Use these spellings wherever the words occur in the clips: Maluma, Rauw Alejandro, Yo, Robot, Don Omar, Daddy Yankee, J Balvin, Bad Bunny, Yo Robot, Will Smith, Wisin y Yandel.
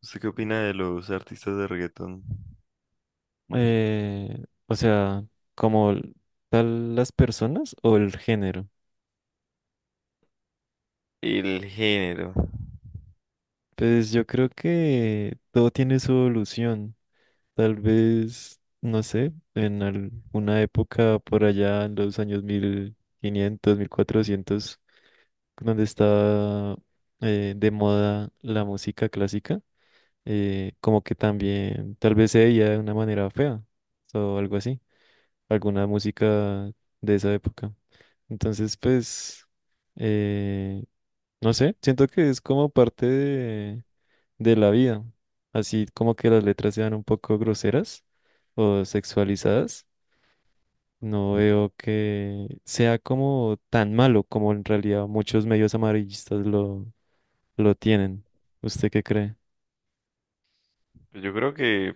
¿Usted qué opina de los artistas de reggaetón? Eh, o sea, como l- Tal las personas o el género. El género. Pues yo creo que todo tiene su evolución. Tal vez, no sé, en alguna época por allá en los años 1500 1400 donde estaba de moda la música clásica, como que también tal vez se veía de una manera fea o algo así. Alguna música de esa época. Entonces, pues, eh, no sé, siento que es como parte de la vida, así como que las letras sean un poco groseras o sexualizadas. No veo que sea como tan malo como en realidad muchos medios amarillistas lo tienen. ¿Usted qué cree? Pues yo creo que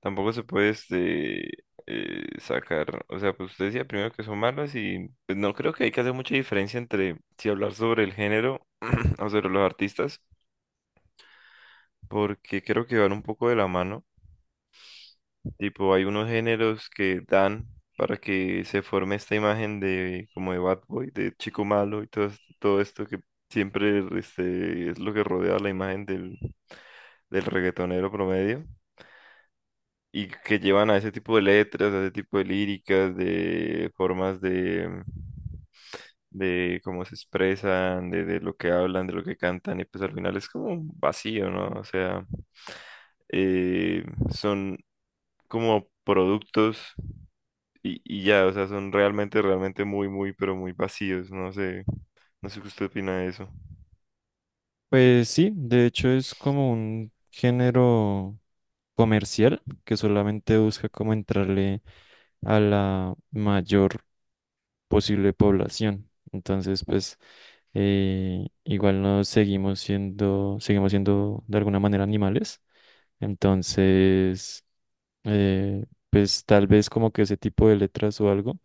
tampoco se puede sacar. O sea, pues usted decía primero que son malos y pues, no creo que hay que hacer mucha diferencia entre si hablar sobre el género o sobre los artistas, porque creo que van un poco de la mano. Tipo, hay unos géneros que dan para que se forme esta imagen de como de bad boy, de chico malo y todo, todo esto que siempre es lo que rodea la imagen del reggaetonero promedio y que llevan a ese tipo de letras, a ese tipo de líricas, de formas de cómo se expresan, de lo que hablan, de lo que cantan y pues al final es como un vacío, ¿no? O sea, eh, son como productos y ya, o sea, son realmente muy, muy, pero muy vacíos, no sé, no sé qué usted opina de eso. Pues sí, de hecho es como un género comercial que solamente busca como entrarle a la mayor posible población. Entonces, pues igual seguimos siendo de alguna manera animales. Entonces, pues tal vez como que ese tipo de letras o algo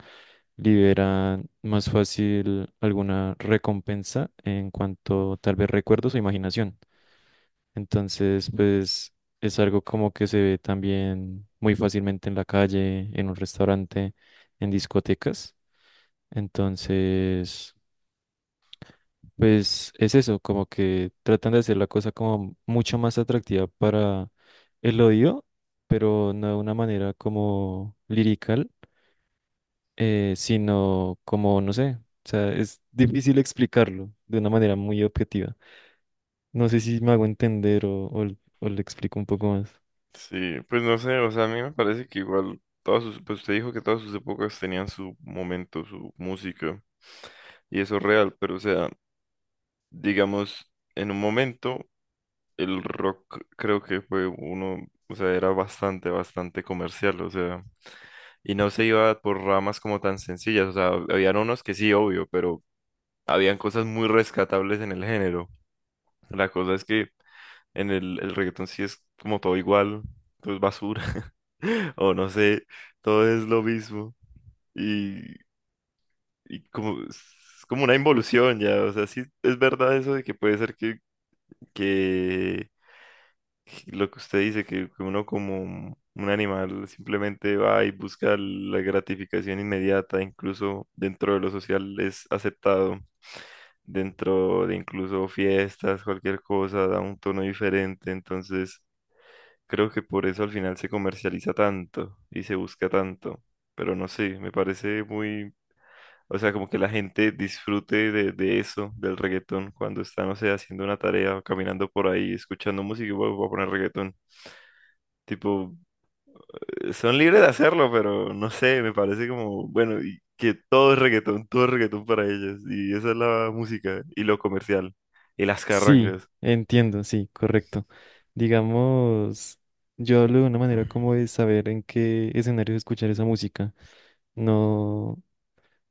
liberan más fácil alguna recompensa en cuanto tal vez recuerdos o imaginación. Entonces, pues es algo como que se ve también muy fácilmente en la calle, en un restaurante, en discotecas. Entonces, pues es eso, como que tratan de hacer la cosa como mucho más atractiva para el odio, pero no de una manera como lirical, sino como, no sé, o sea, es difícil explicarlo de una manera muy objetiva. No sé si me hago entender o le explico un poco más. Sí, pues no sé, o sea, a mí me parece que igual todas sus, pues usted dijo que todas sus épocas tenían su momento, su música, y eso es real, pero o sea, digamos, en un momento el rock creo que fue uno, o sea, era bastante, bastante comercial, o sea, y no se iba por ramas como tan sencillas, o sea, habían unos que sí, obvio, pero habían cosas muy rescatables en el género. La cosa es que en el reggaetón sí es como todo igual, todo es basura, o no sé, todo es lo mismo. Y, y como, es como una involución ya, o sea, sí es verdad eso de que puede ser que lo que usted dice, que uno como un animal simplemente va y busca la gratificación inmediata, incluso dentro de lo social es aceptado, dentro de incluso fiestas, cualquier cosa, da un tono diferente, entonces. Creo que por eso al final se comercializa tanto y se busca tanto. Pero no sé, me parece muy, o sea, como que la gente disfrute de eso, del reggaetón, cuando está, no sé, haciendo una tarea o caminando por ahí, escuchando música y "Bueno, voy a poner reggaetón". Tipo, son libres de hacerlo, pero no sé, me parece como, bueno, y que todo es reggaetón para ellos. Y esa es la música y lo comercial y las Sí, carrangas. entiendo, sí, correcto. Digamos, yo hablo de una manera como de saber en qué escenario escuchar esa música. No,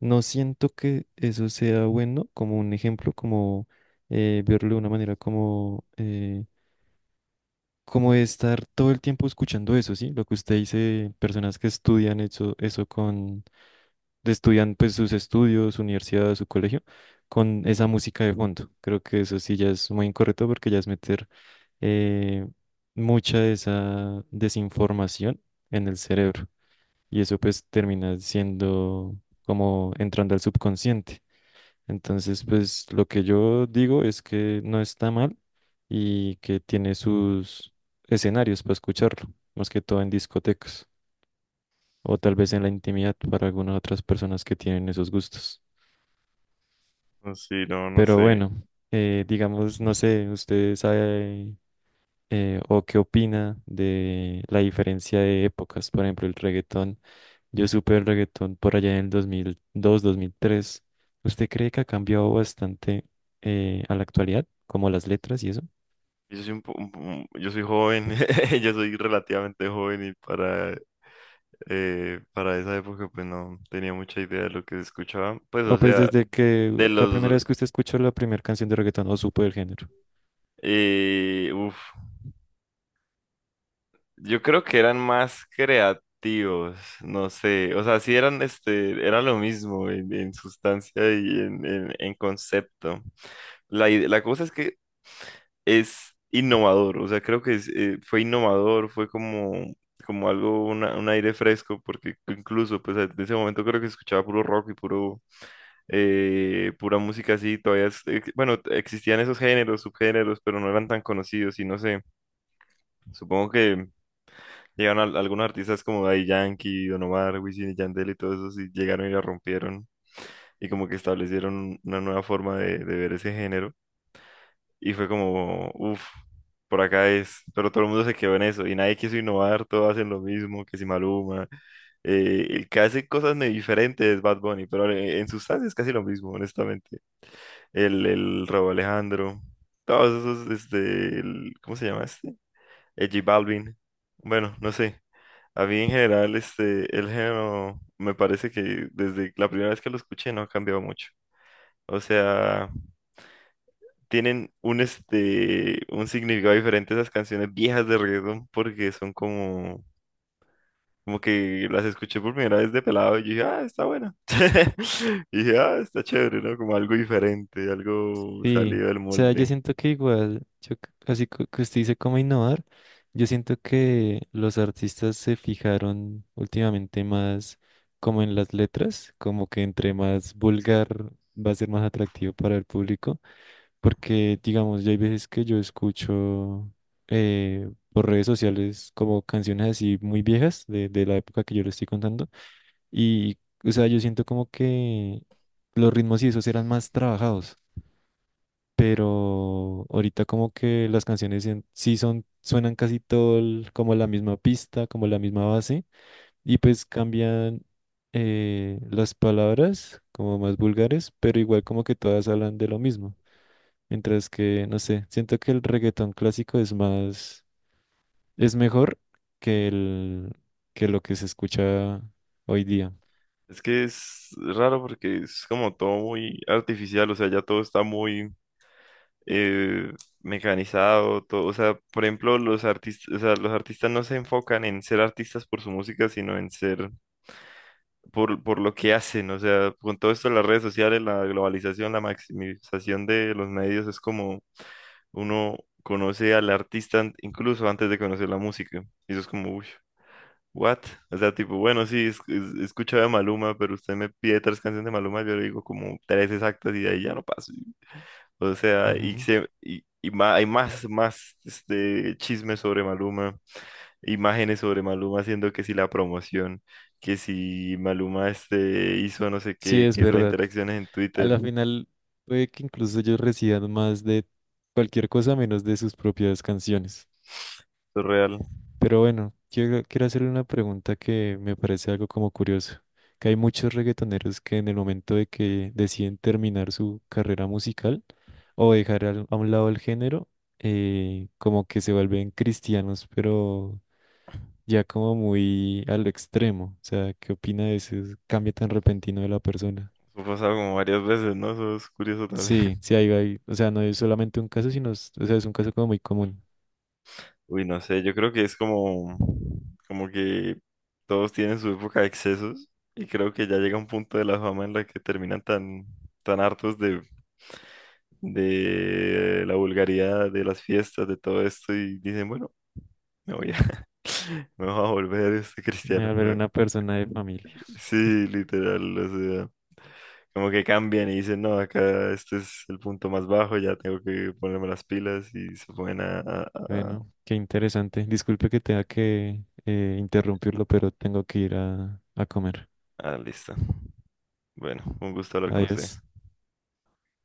no siento que eso sea bueno como un ejemplo, como verlo de una manera como de estar todo el tiempo escuchando eso, ¿sí? Lo que usted dice, personas que estudian eso con, de estudian pues sus estudios, su universidad, su colegio, con esa música de fondo. Creo que eso sí ya es muy incorrecto porque ya es meter eh, mucha de esa desinformación en el cerebro y eso pues termina siendo como entrando al subconsciente. Entonces, pues lo que yo digo es que no está mal y que tiene sus escenarios para escucharlo, más que todo en discotecas o tal vez en la intimidad para algunas otras personas que tienen esos gustos. No, sí, no, no Pero sé. bueno, digamos, no sé, usted sabe o qué opina de la diferencia de épocas, por ejemplo, el reggaetón. Yo supe el reggaetón por allá en el 2002 dos mil tres. ¿Usted cree que ha cambiado bastante a la actualidad, como las letras y eso? Yo soy un po- Yo soy joven, yo soy relativamente joven y para esa época pues no tenía mucha idea de lo que se escuchaba. Pues O o pues sea, desde que de la primera los, vez que usted escuchó la primera canción de reggaetón o supo del género. Uf, yo creo que eran más creativos, no sé, o sea, sí eran, este, era lo mismo en sustancia y en concepto. La cosa es que es innovador, o sea, creo que es, fue innovador, fue como, como algo, un aire fresco, porque incluso, pues, en ese momento creo que escuchaba puro rock y puro, pura música así, todavía, bueno, existían esos géneros, subgéneros, pero no eran tan conocidos y no sé, supongo que llegaron algunos artistas como Daddy Yankee, Don Omar, Wisin y Yandel y todos esos y llegaron y la rompieron y como que establecieron una nueva forma de ver ese género. Y fue como, uff, por acá es. Pero todo el mundo se quedó en eso y nadie quiso innovar, todos hacen lo mismo, que si Maluma. El que hace cosas diferentes es Bad Bunny, pero en sustancia es casi lo mismo, honestamente. El Rauw Alejandro, todos esos, este, el- ¿cómo se llama este? El J Balvin. Bueno, no sé. A mí en general, este, el género me parece que desde la primera vez que lo escuché no ha cambiado mucho. O sea, tienen un, este, un significado diferente esas canciones viejas de reggaetón porque son como, como que las escuché por primera vez de pelado y yo dije, ah, está buena. Y dije, ah, está chévere, ¿no? Como algo diferente, algo Sí, o salido del sea, yo molde. siento que igual, yo, c- así co- que usted dice cómo innovar, yo siento que los artistas se fijaron últimamente más como en las letras, como que entre más vulgar va a ser más atractivo para el público, porque digamos, ya hay veces que yo escucho por redes sociales como canciones así muy viejas de la época que yo le estoy contando, y o sea, yo siento como que los ritmos y esos eran más trabajados pero ahorita como que las canciones sí son, suenan casi como la misma pista, como la misma base, y pues cambian las palabras como más vulgares, pero igual como que todas hablan de lo mismo. Mientras que, no sé, siento que el reggaetón clásico es más, es mejor que el, que lo que se escucha hoy día. Es que es raro porque es como todo muy artificial, o sea, ya todo está muy eh, mecanizado, todo, o sea, por ejemplo, los artistas, o sea, los artistas no se enfocan en ser artistas por su música, sino en ser por lo que hacen, o sea, con todo esto de las redes sociales, la globalización, la maximización de los medios, es como uno conoce al incluso antes de conocer la música. Y eso es como, uy, what? O sea, tipo, bueno, sí, he escuchado a Maluma, pero usted me pide tres canciones de Maluma, yo le digo como tres exactas y de ahí ya no paso. O sea, y, Ujú. se, y ma- hay más, más este, chismes sobre Maluma, imágenes sobre Maluma haciendo que si la promoción, que si Maluma este hizo no sé Sí, qué, es que es la verdad. interacción en A Twitter, la eso final puede que incluso ellos reciban más de cualquier cosa menos de sus propias canciones. es real. Pero bueno, quiero hacerle una pregunta que me parece algo como curioso, que hay muchos reggaetoneros que en el momento de que deciden terminar su carrera musical o dejar a un lado el género, como que se vuelven cristianos, pero ya como muy al extremo. O sea, ¿qué opina de ese cambio tan repentino de la persona? Eso ha pasado como varias veces, ¿no? Eso es curioso Sí, también. sí, o sea, no es solamente un caso, o sea, es un caso como muy común. Uy, no sé, yo creo que es como, como que todos tienen su época de excesos y creo que ya llega un punto de la fama en la que terminan tan, tan hartos de la vulgaridad, de las fiestas, de todo esto y dicen, bueno, me voy a, me voy a volver este Me va cristiano. a ver una persona de familia. Sí, literal, o sea, como que cambian y dicen, no, acá este es el punto más bajo, ya tengo que ponerme las pilas y se ponen a... Bueno, qué interesante. Disculpe que tenga que interrumpirlo, pero tengo que ir a comer. Ah, listo. Bueno, un gusto hablar con usted. Adiós.